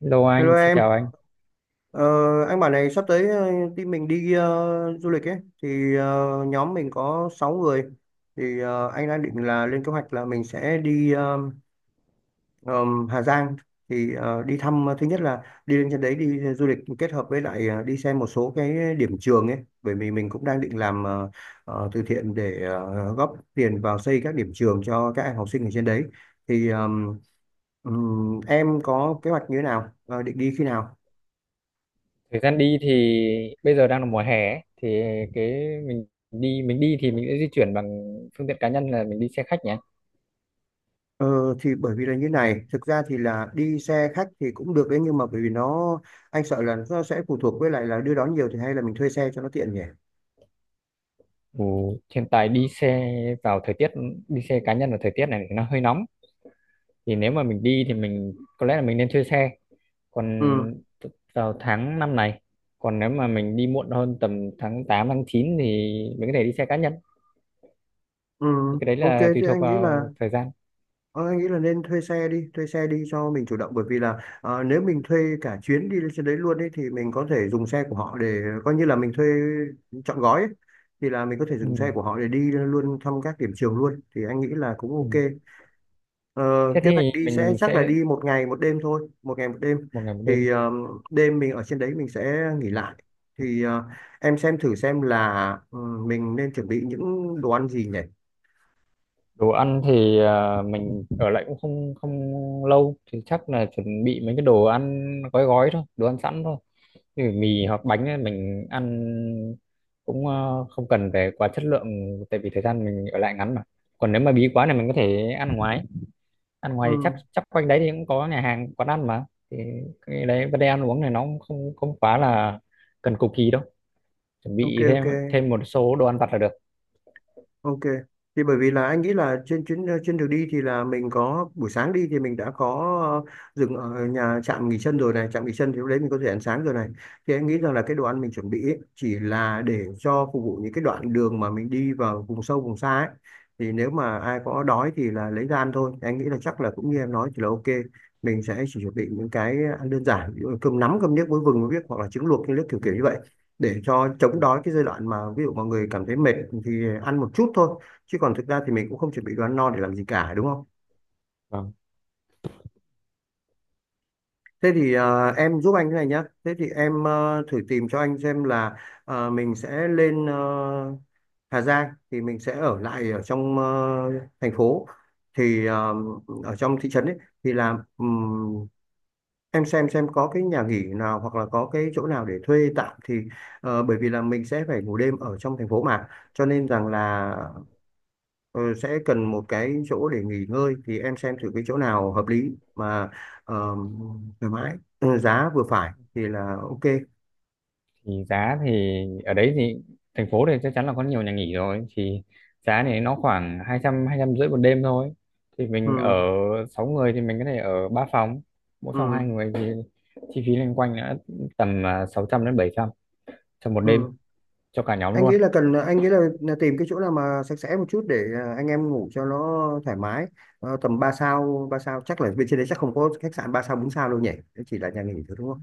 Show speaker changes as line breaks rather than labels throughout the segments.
Hello anh,
Hello
xin chào
em,
anh.
ờ, anh bảo này sắp tới team mình đi du lịch ấy, thì nhóm mình có 6 người, thì anh đang định là lên kế hoạch là mình sẽ đi Hà Giang, thì đi thăm, thứ nhất là đi lên trên đấy đi du lịch kết hợp với lại đi xem một số cái điểm trường ấy, bởi vì mình cũng đang định làm từ thiện để góp tiền vào xây các điểm trường cho các em học sinh ở trên đấy. Thì em có kế hoạch như thế nào, định đi khi nào?
Thời gian đi thì bây giờ đang là mùa hè ấy, thì cái mình mình đi thì mình sẽ di chuyển bằng phương tiện cá nhân là mình đi xe khách nhé.
Ờ, thì bởi vì là như này, thực ra thì là đi xe khách thì cũng được đấy, nhưng mà bởi vì anh sợ là nó sẽ phụ thuộc với lại là đưa đón nhiều, thì hay là mình thuê xe cho nó tiện nhỉ.
Ừ, hiện tại vào thời tiết đi xe cá nhân vào thời tiết này thì nó hơi nóng. Thì nếu mà mình đi thì mình có lẽ là mình nên thuê xe. Còn
Ừ.
vào tháng 5 này, còn nếu mà mình đi muộn hơn tầm tháng 8 tháng 9 thì mình có thể đi xe cá nhân.
Ừ.
Thì cái đấy
Ok,
là tùy
thì
thuộc
anh nghĩ là
vào thời gian.
ờ, anh nghĩ là nên thuê xe đi, cho mình chủ động, bởi vì là nếu mình thuê cả chuyến đi lên trên đấy luôn ấy thì mình có thể dùng xe của họ để coi như là mình thuê trọn gói ấy. Thì là mình có thể
Ừ.
dùng xe của họ để đi luôn thăm các điểm trường luôn, thì anh nghĩ là cũng
Ừ.
ok. Ờ,
Thế
Kế
thì
hoạch đi sẽ
mình
chắc là
sẽ
đi một ngày một đêm thôi, một ngày một đêm.
một ngày một đêm.
Thì đêm mình ở trên đấy mình sẽ nghỉ lại. Thì em xem thử xem là ừ, mình nên chuẩn bị những đồ ăn gì nhỉ?
Đồ ăn thì mình ở lại cũng không không lâu thì chắc là chuẩn bị mấy cái đồ ăn gói gói thôi, đồ ăn sẵn thôi như mì hoặc bánh ấy. Mình ăn cũng không cần phải quá chất lượng tại vì thời gian mình ở lại ngắn mà. Còn nếu mà bí quá này mình có thể ăn ngoài. Ăn ngoài thì
Ừ,
chắc chắc quanh đấy thì cũng có nhà hàng quán ăn mà. Thì cái đấy vấn đề ăn uống này nó cũng không không quá là cần cục kỳ đâu, chuẩn
ok
bị
ok.
thêm thêm một số đồ ăn vặt là được.
Ok. Thì bởi vì là anh nghĩ là trên chuyến trên đường đi thì là mình có buổi sáng đi thì mình đã có dừng ở nhà trạm nghỉ chân rồi này, trạm nghỉ chân thì lúc đấy mình có thể ăn sáng rồi này. Thì anh nghĩ rằng là cái đồ ăn mình chuẩn bị ấy, chỉ là để cho phục vụ những cái đoạn đường mà mình đi vào vùng sâu vùng xa ấy. Thì nếu mà ai có đói thì là lấy ra ăn thôi. Thì anh nghĩ là chắc là cũng như em nói thì là ok. Mình sẽ chỉ chuẩn bị
Ừ,
những cái ăn đơn giản, ví dụ là cơm nắm, cơm niếc muối vừng muối biếc hoặc là trứng luộc những nước kiểu
ừ,
kiểu như vậy để cho chống
ừ.
đói cái giai đoạn mà ví dụ mọi người cảm thấy mệt thì ăn một chút thôi, chứ còn thực ra thì mình cũng không chuẩn bị đồ ăn no để làm gì cả đúng không.
Vâng.
Thế thì em giúp anh cái này nhá. Thế thì em thử tìm cho anh xem là mình sẽ lên Hà Giang thì mình sẽ ở lại ở trong thành phố, thì ở trong thị trấn ấy, thì là em xem có cái nhà nghỉ nào hoặc là có cái chỗ nào để thuê tạm thì bởi vì là mình sẽ phải ngủ đêm ở trong thành phố mà, cho nên rằng là ờ, sẽ cần một cái chỗ để nghỉ ngơi, thì em xem thử cái chỗ nào hợp lý mà ờ, thoải mái, giá vừa phải thì là ok.
Thì giá thì ở đấy thì thành phố thì chắc chắn là có nhiều nhà nghỉ rồi. Thì giá thì nó khoảng hai trăm, hai trăm rưỡi một đêm thôi. Thì mình ở
Ừ,
sáu người thì mình có thể ở ba phòng, mỗi phòng
ừ,
hai người thì chi phí loanh quanh đã tầm sáu trăm đến bảy trăm cho một đêm
ừ.
cho cả nhóm
Anh
luôn.
nghĩ là cần, anh nghĩ là, tìm cái chỗ nào mà sạch sẽ một chút để à, anh em ngủ cho nó thoải mái. Tầm ba sao chắc là bên trên đấy chắc không có khách sạn 3 sao 4 sao đâu nhỉ. Đấy chỉ là nhà nghỉ thôi đúng không.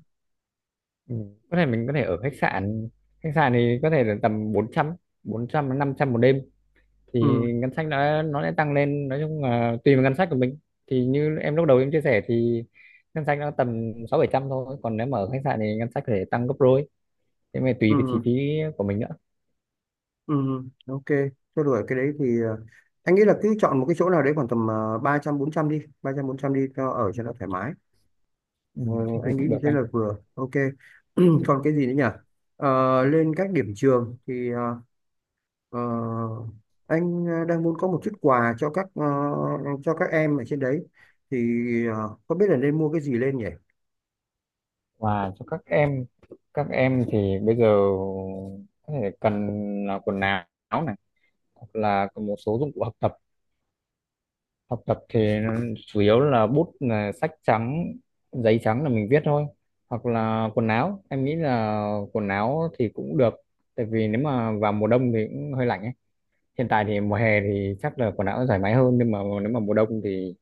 Ừ. Có thể mình có thể ở khách sạn. Khách sạn thì có thể là tầm bốn trăm, bốn trăm đến năm trăm một đêm thì
Ừ,
ngân sách nó sẽ tăng lên, nói chung là tùy vào ngân sách của mình. Thì như em lúc đầu em chia sẻ thì ngân sách nó tầm sáu bảy trăm thôi. Còn nếu mà ở khách sạn thì ngân sách có thể tăng gấp đôi, thế mà tùy về chi
ừ,
phí của mình nữa.
ừ, ok. Cho đuổi cái đấy thì anh nghĩ là cứ chọn một cái chỗ nào đấy khoảng tầm 300 400 đi, cho ở
Ừ,
cho nó thoải mái.
ừ,
Ờ,
thế thì
anh nghĩ
cũng
như
được
thế
anh.
là vừa ok.
Ừ.
Còn cái gì nữa nhỉ? Lên các điểm trường thì ờ, anh đang muốn có một chút quà cho các cho các em ở trên đấy, thì không biết là nên mua cái gì lên nhỉ.
Và cho các em, các em thì bây giờ có thể cần là quần áo này, hoặc là có một số dụng cụ học tập. Học tập thì chủ yếu là bút, là sách trắng, giấy trắng là mình viết thôi. Hoặc là quần áo, em nghĩ là quần áo thì cũng được tại vì nếu mà vào mùa đông thì cũng hơi lạnh ấy. Hiện tại thì mùa hè thì chắc là quần áo thoải mái hơn, nhưng mà nếu mà mùa đông thì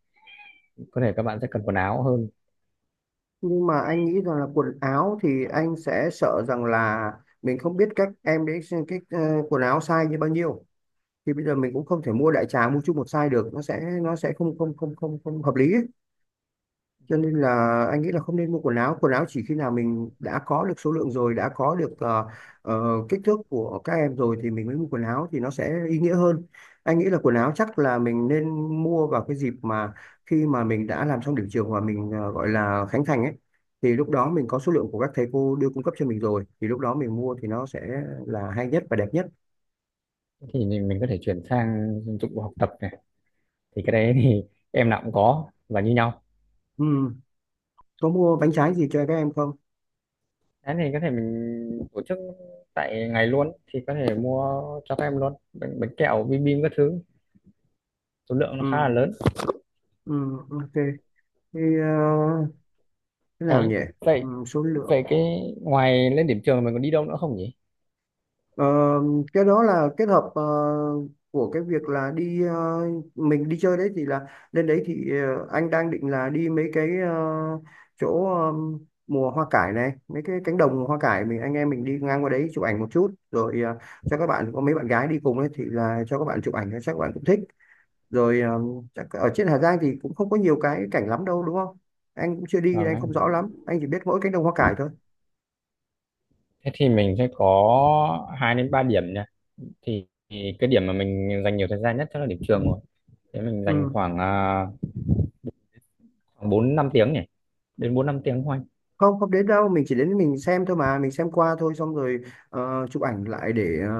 có thể các bạn sẽ cần quần áo hơn.
Nhưng mà anh nghĩ rằng là quần áo thì anh sẽ sợ rằng là mình không biết các em đấy xem cái quần áo size như bao nhiêu, thì bây giờ mình cũng không thể mua đại trà mua chung một size được, nó sẽ không không không không không hợp lý ấy. Cho nên là anh nghĩ là không nên mua quần áo, quần áo chỉ khi nào mình đã có được số lượng rồi, đã có được ờ, kích thước của các em rồi thì mình mới mua quần áo, thì nó sẽ ý nghĩa hơn. Anh nghĩ là quần áo chắc là mình nên mua vào cái dịp mà khi mà mình đã làm xong điểm trường và mình gọi là khánh thành ấy, thì lúc đó mình có số lượng của các thầy cô đưa cung cấp cho mình rồi, thì lúc đó mình mua thì nó sẽ là hay nhất và đẹp nhất.
Thì mình có thể chuyển sang dụng cụ học tập này, thì cái đấy thì em nào cũng có và như nhau.
Ừ. Có mua bánh trái gì cho các em không?
Thế thì có thể mình tổ chức tại ngày luôn thì có thể mua cho các em luôn bánh, bánh kẹo bim bim các thứ, số lượng nó
Ừ.
khá là lớn.
Ừ. Ok, thì thế nào
cái
nhỉ?
Vậy
Ừ. Số lượng.
vậy cái ngoài lên điểm trường mình còn đi đâu nữa không nhỉ?
Ờ, cái đó là kết hợp của cái việc là đi, mình đi chơi đấy thì là lên đấy thì anh đang định là đi mấy cái chỗ mùa hoa cải này, mấy cái cánh đồng hoa cải, mình anh em mình đi ngang qua đấy chụp ảnh một chút rồi cho các bạn, có mấy bạn gái đi cùng ấy thì là cho các bạn chụp ảnh chắc các bạn cũng thích rồi. Ờ, Chắc ở trên Hà Giang thì cũng không có nhiều cái cảnh lắm đâu đúng không. Anh cũng chưa đi nên
Vâng
anh không rõ
anh.
lắm, anh chỉ biết mỗi cánh đồng hoa cải thôi.
Thế thì mình sẽ có hai đến ba điểm nha. Thì cái điểm mà mình dành nhiều thời gian nhất chắc là điểm trường rồi. Thế mình dành
Ừ.
khoảng khoảng bốn năm tiếng nhỉ, đến bốn năm tiếng thôi anh.
Không, không đến đâu, mình chỉ đến mình xem thôi mà, mình xem qua thôi xong rồi chụp ảnh lại để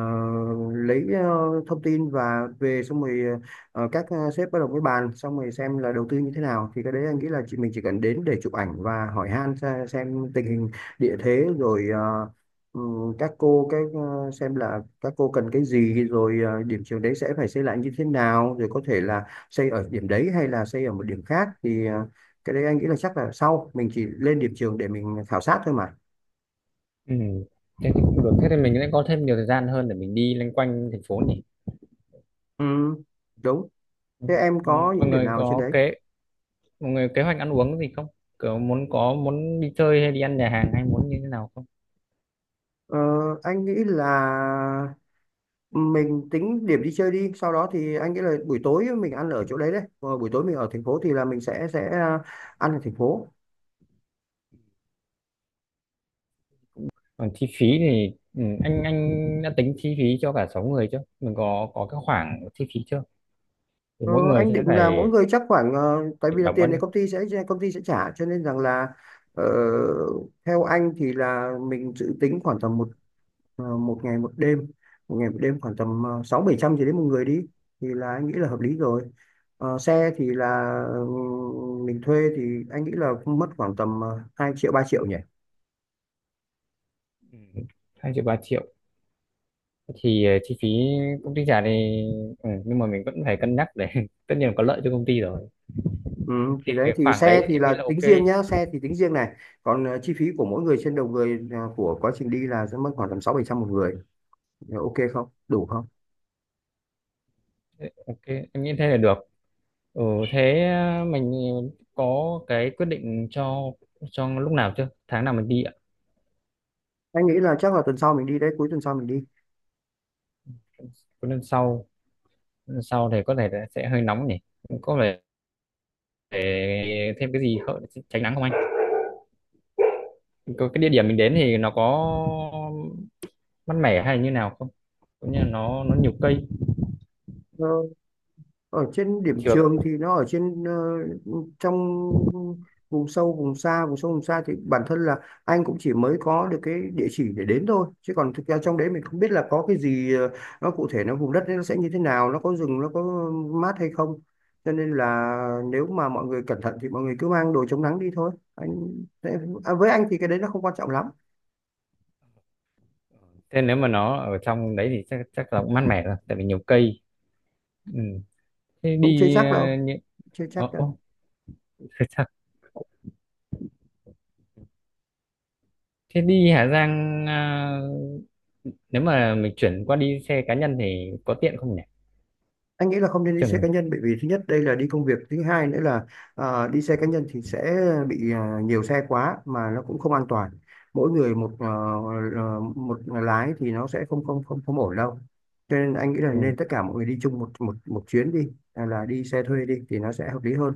lấy thông tin và về, xong rồi các sếp bắt đầu mới bàn xong rồi xem là đầu tư như thế nào, thì cái đấy anh nghĩ là chị mình chỉ cần đến để chụp ảnh và hỏi han, xem tình hình địa thế, rồi ừ, các cô cái xem là các cô cần cái gì rồi, điểm trường đấy sẽ phải xây lại như thế nào, rồi có thể là xây ở điểm đấy hay là xây ở một điểm khác, thì cái đấy anh nghĩ là chắc là sau mình chỉ lên điểm trường để mình khảo sát thôi mà.
Ừ. Thế thì cũng được. Thế thì mình sẽ có thêm nhiều thời gian hơn để mình đi loanh quanh thành phố nhỉ.
Ừ, đúng thế. Em
Ừ,
có
mọi
những điểm
người
nào trên
có
đấy.
kế mọi người kế hoạch ăn uống gì không, kiểu muốn muốn đi chơi hay đi ăn nhà hàng hay muốn như thế nào không?
ờ, anh nghĩ là mình tính điểm đi chơi đi, sau đó thì anh nghĩ là buổi tối mình ăn ở chỗ đấy đấy. Ờ, Buổi tối mình ở thành phố thì là mình sẽ ăn ở thành phố.
Còn chi phí thì anh đã tính chi phí cho cả sáu người chưa? Mình có cái khoảng chi phí chưa? Thì
Ờ,
mỗi người
anh
sẽ
định là
phải
mỗi người chắc khoảng tại vì là
đóng bao
tiền này
nhiêu?
công ty sẽ trả, cho nên rằng là ờ, theo anh thì là mình dự tính khoảng tầm một ngày một đêm, một ngày một đêm khoảng tầm sáu bảy trăm gì đấy một người đi, thì là anh nghĩ là hợp lý rồi. Xe thì là mình thuê thì anh nghĩ là mất khoảng tầm 2 triệu 3 triệu nhỉ.
Ừ, 2 triệu 3 triệu. Thì chi phí công ty trả thì ừ, nhưng mà mình vẫn phải cân nhắc để tất nhiên là có lợi cho công ty rồi.
Ừ. Thì
Thì
đấy
cái
thì
khoảng
xe
đấy
thì
em nghĩ
là
là
tính
ok.
riêng nhá, xe thì tính riêng này, còn chi phí của mỗi người trên đầu người của quá trình đi là sẽ mất khoảng tầm sáu bảy trăm một người. Ok không đủ không.
Ok, em nghĩ thế là được. Ừ, thế mình có cái quyết định cho lúc nào chưa, tháng nào mình đi ạ?
Anh nghĩ là chắc là tuần sau mình đi đấy, cuối tuần sau mình đi.
Có. Lần sau thì có thể là sẽ hơi nóng nhỉ, có vẻ để thêm cái gì tránh nắng không anh? Có cái địa điểm mình đến thì nó có mát mẻ hay như nào không? Cũng như là nó nhiều cây
Ở trên điểm
trường.
trường thì nó ở trên trong vùng sâu vùng xa, vùng sâu vùng xa thì bản thân là anh cũng chỉ mới có được cái địa chỉ để đến thôi, chứ còn thực ra trong đấy mình không biết là có cái gì nó cụ thể, nó vùng đất đấy nó sẽ như thế nào, nó có rừng nó có mát hay không, cho nên là nếu mà mọi người cẩn thận thì mọi người cứ mang đồ chống nắng đi thôi anh. À, với anh thì cái đấy nó không quan trọng lắm.
Thế nếu mà nó ở trong đấy thì chắc chắc là cũng mát mẻ rồi, tại vì nhiều cây. Ừ. Thế
Cũng chưa
đi
chắc đâu, chưa chắc đâu.
ô, thế sao? Thế đi Hà Giang, nếu mà mình chuyển qua đi xe cá nhân thì có tiện không nhỉ?
Anh nghĩ là không nên đi xe cá
Trường.
nhân, bởi vì thứ nhất đây là đi công việc, thứ hai nữa là đi xe cá nhân thì sẽ bị nhiều xe quá mà nó cũng không an toàn. Mỗi người một một lái thì nó sẽ không không không không ổn đâu, cho nên anh nghĩ là nên
Ừ.
tất cả mọi người đi chung một một một chuyến đi hay là đi xe thuê đi, thì nó sẽ hợp lý hơn.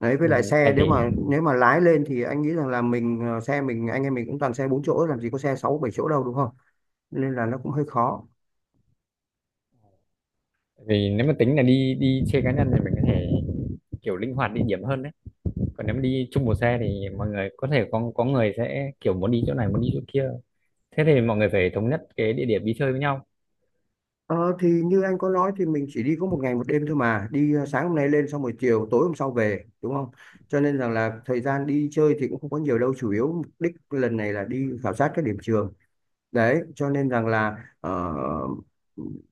Đấy, với
Ừ.
lại
Tại
xe nếu
vì
mà lái lên thì anh nghĩ rằng là mình xe mình anh em mình cũng toàn xe bốn chỗ, làm gì có xe sáu bảy chỗ đâu đúng không, nên là nó cũng hơi khó.
vì nếu mà tính là đi đi xe cá nhân thì mình có thể kiểu linh hoạt địa điểm hơn đấy. Còn nếu mà đi chung một xe thì mọi người có thể có người sẽ kiểu muốn đi chỗ này muốn đi chỗ kia, thế thì mọi người phải thống nhất cái địa điểm đi chơi với nhau.
Ờ, thì như anh có nói thì mình chỉ đi có một ngày một đêm thôi mà, đi sáng hôm nay lên xong rồi chiều tối hôm sau về đúng không, cho nên rằng là thời gian đi chơi thì cũng không có nhiều đâu, chủ yếu mục đích lần này là đi khảo sát các điểm trường đấy, cho nên rằng là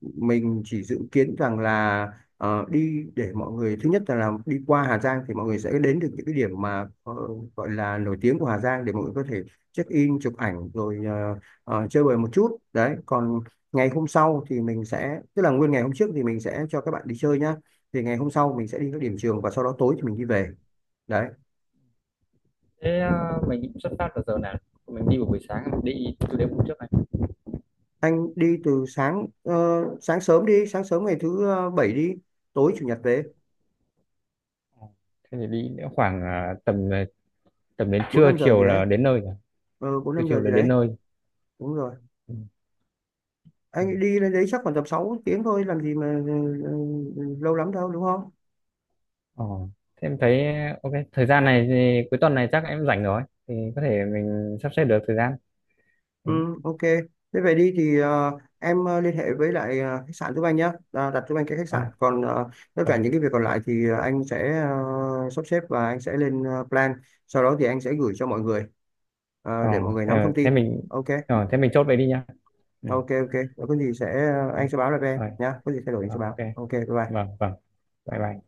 mình chỉ dự kiến rằng là đi để mọi người thứ nhất là làm đi qua Hà Giang thì mọi người sẽ đến được những cái điểm mà gọi là nổi tiếng của Hà Giang để mọi người có thể check in chụp ảnh rồi chơi bời một chút đấy, còn ngày hôm sau thì mình sẽ, tức là nguyên ngày hôm trước thì mình sẽ cho các bạn đi chơi nhá, thì ngày hôm sau mình sẽ đi các điểm trường và sau đó tối thì mình đi về đấy.
Thế à, mình cũng xuất phát vào giờ nào, mình đi vào buổi sáng, mình đi từ đêm hôm trước này?
Anh đi từ sáng sáng sớm đi, sáng sớm ngày thứ bảy đi, tối chủ nhật về.
Ờ. Thế thì đi nữa khoảng tầm đến
Bốn
trưa
năm giờ gì
chiều
đấy.
là đến nơi rồi,
Ừ, bốn
trưa
năm
chiều
giờ gì
là đến
đấy.
nơi.
Đúng rồi.
Ừ. Ừ.
Anh đi lên đấy chắc khoảng tầm 6 tiếng thôi, làm gì mà lâu lắm đâu đúng không.
Ờ. Thế em thấy ok, thời gian này thì cuối tuần này chắc em rảnh rồi thì có thể mình sắp xếp được thời gian. Ừ.
Ừ, ok. Thế về đi thì em liên hệ với lại khách sạn giúp anh nhé, à, đặt giúp anh cái khách
ờ
sạn, còn tất
ờ.
cả những cái việc còn lại thì anh sẽ sắp xếp và anh sẽ lên plan, sau đó thì anh sẽ gửi cho mọi người
Ờ,
để mọi người
thế
nắm thông
thế
tin.
mình
Ok
ờ, thế mình chốt vậy đi nha. Ừ.
ok ok. Có gì sẽ
Ok.
anh sẽ báo lại với em
Rồi.
nhá, có gì thay đổi anh
Ờ,
sẽ báo.
ok,
Ok, bye bye.
vâng vâng, bye bye.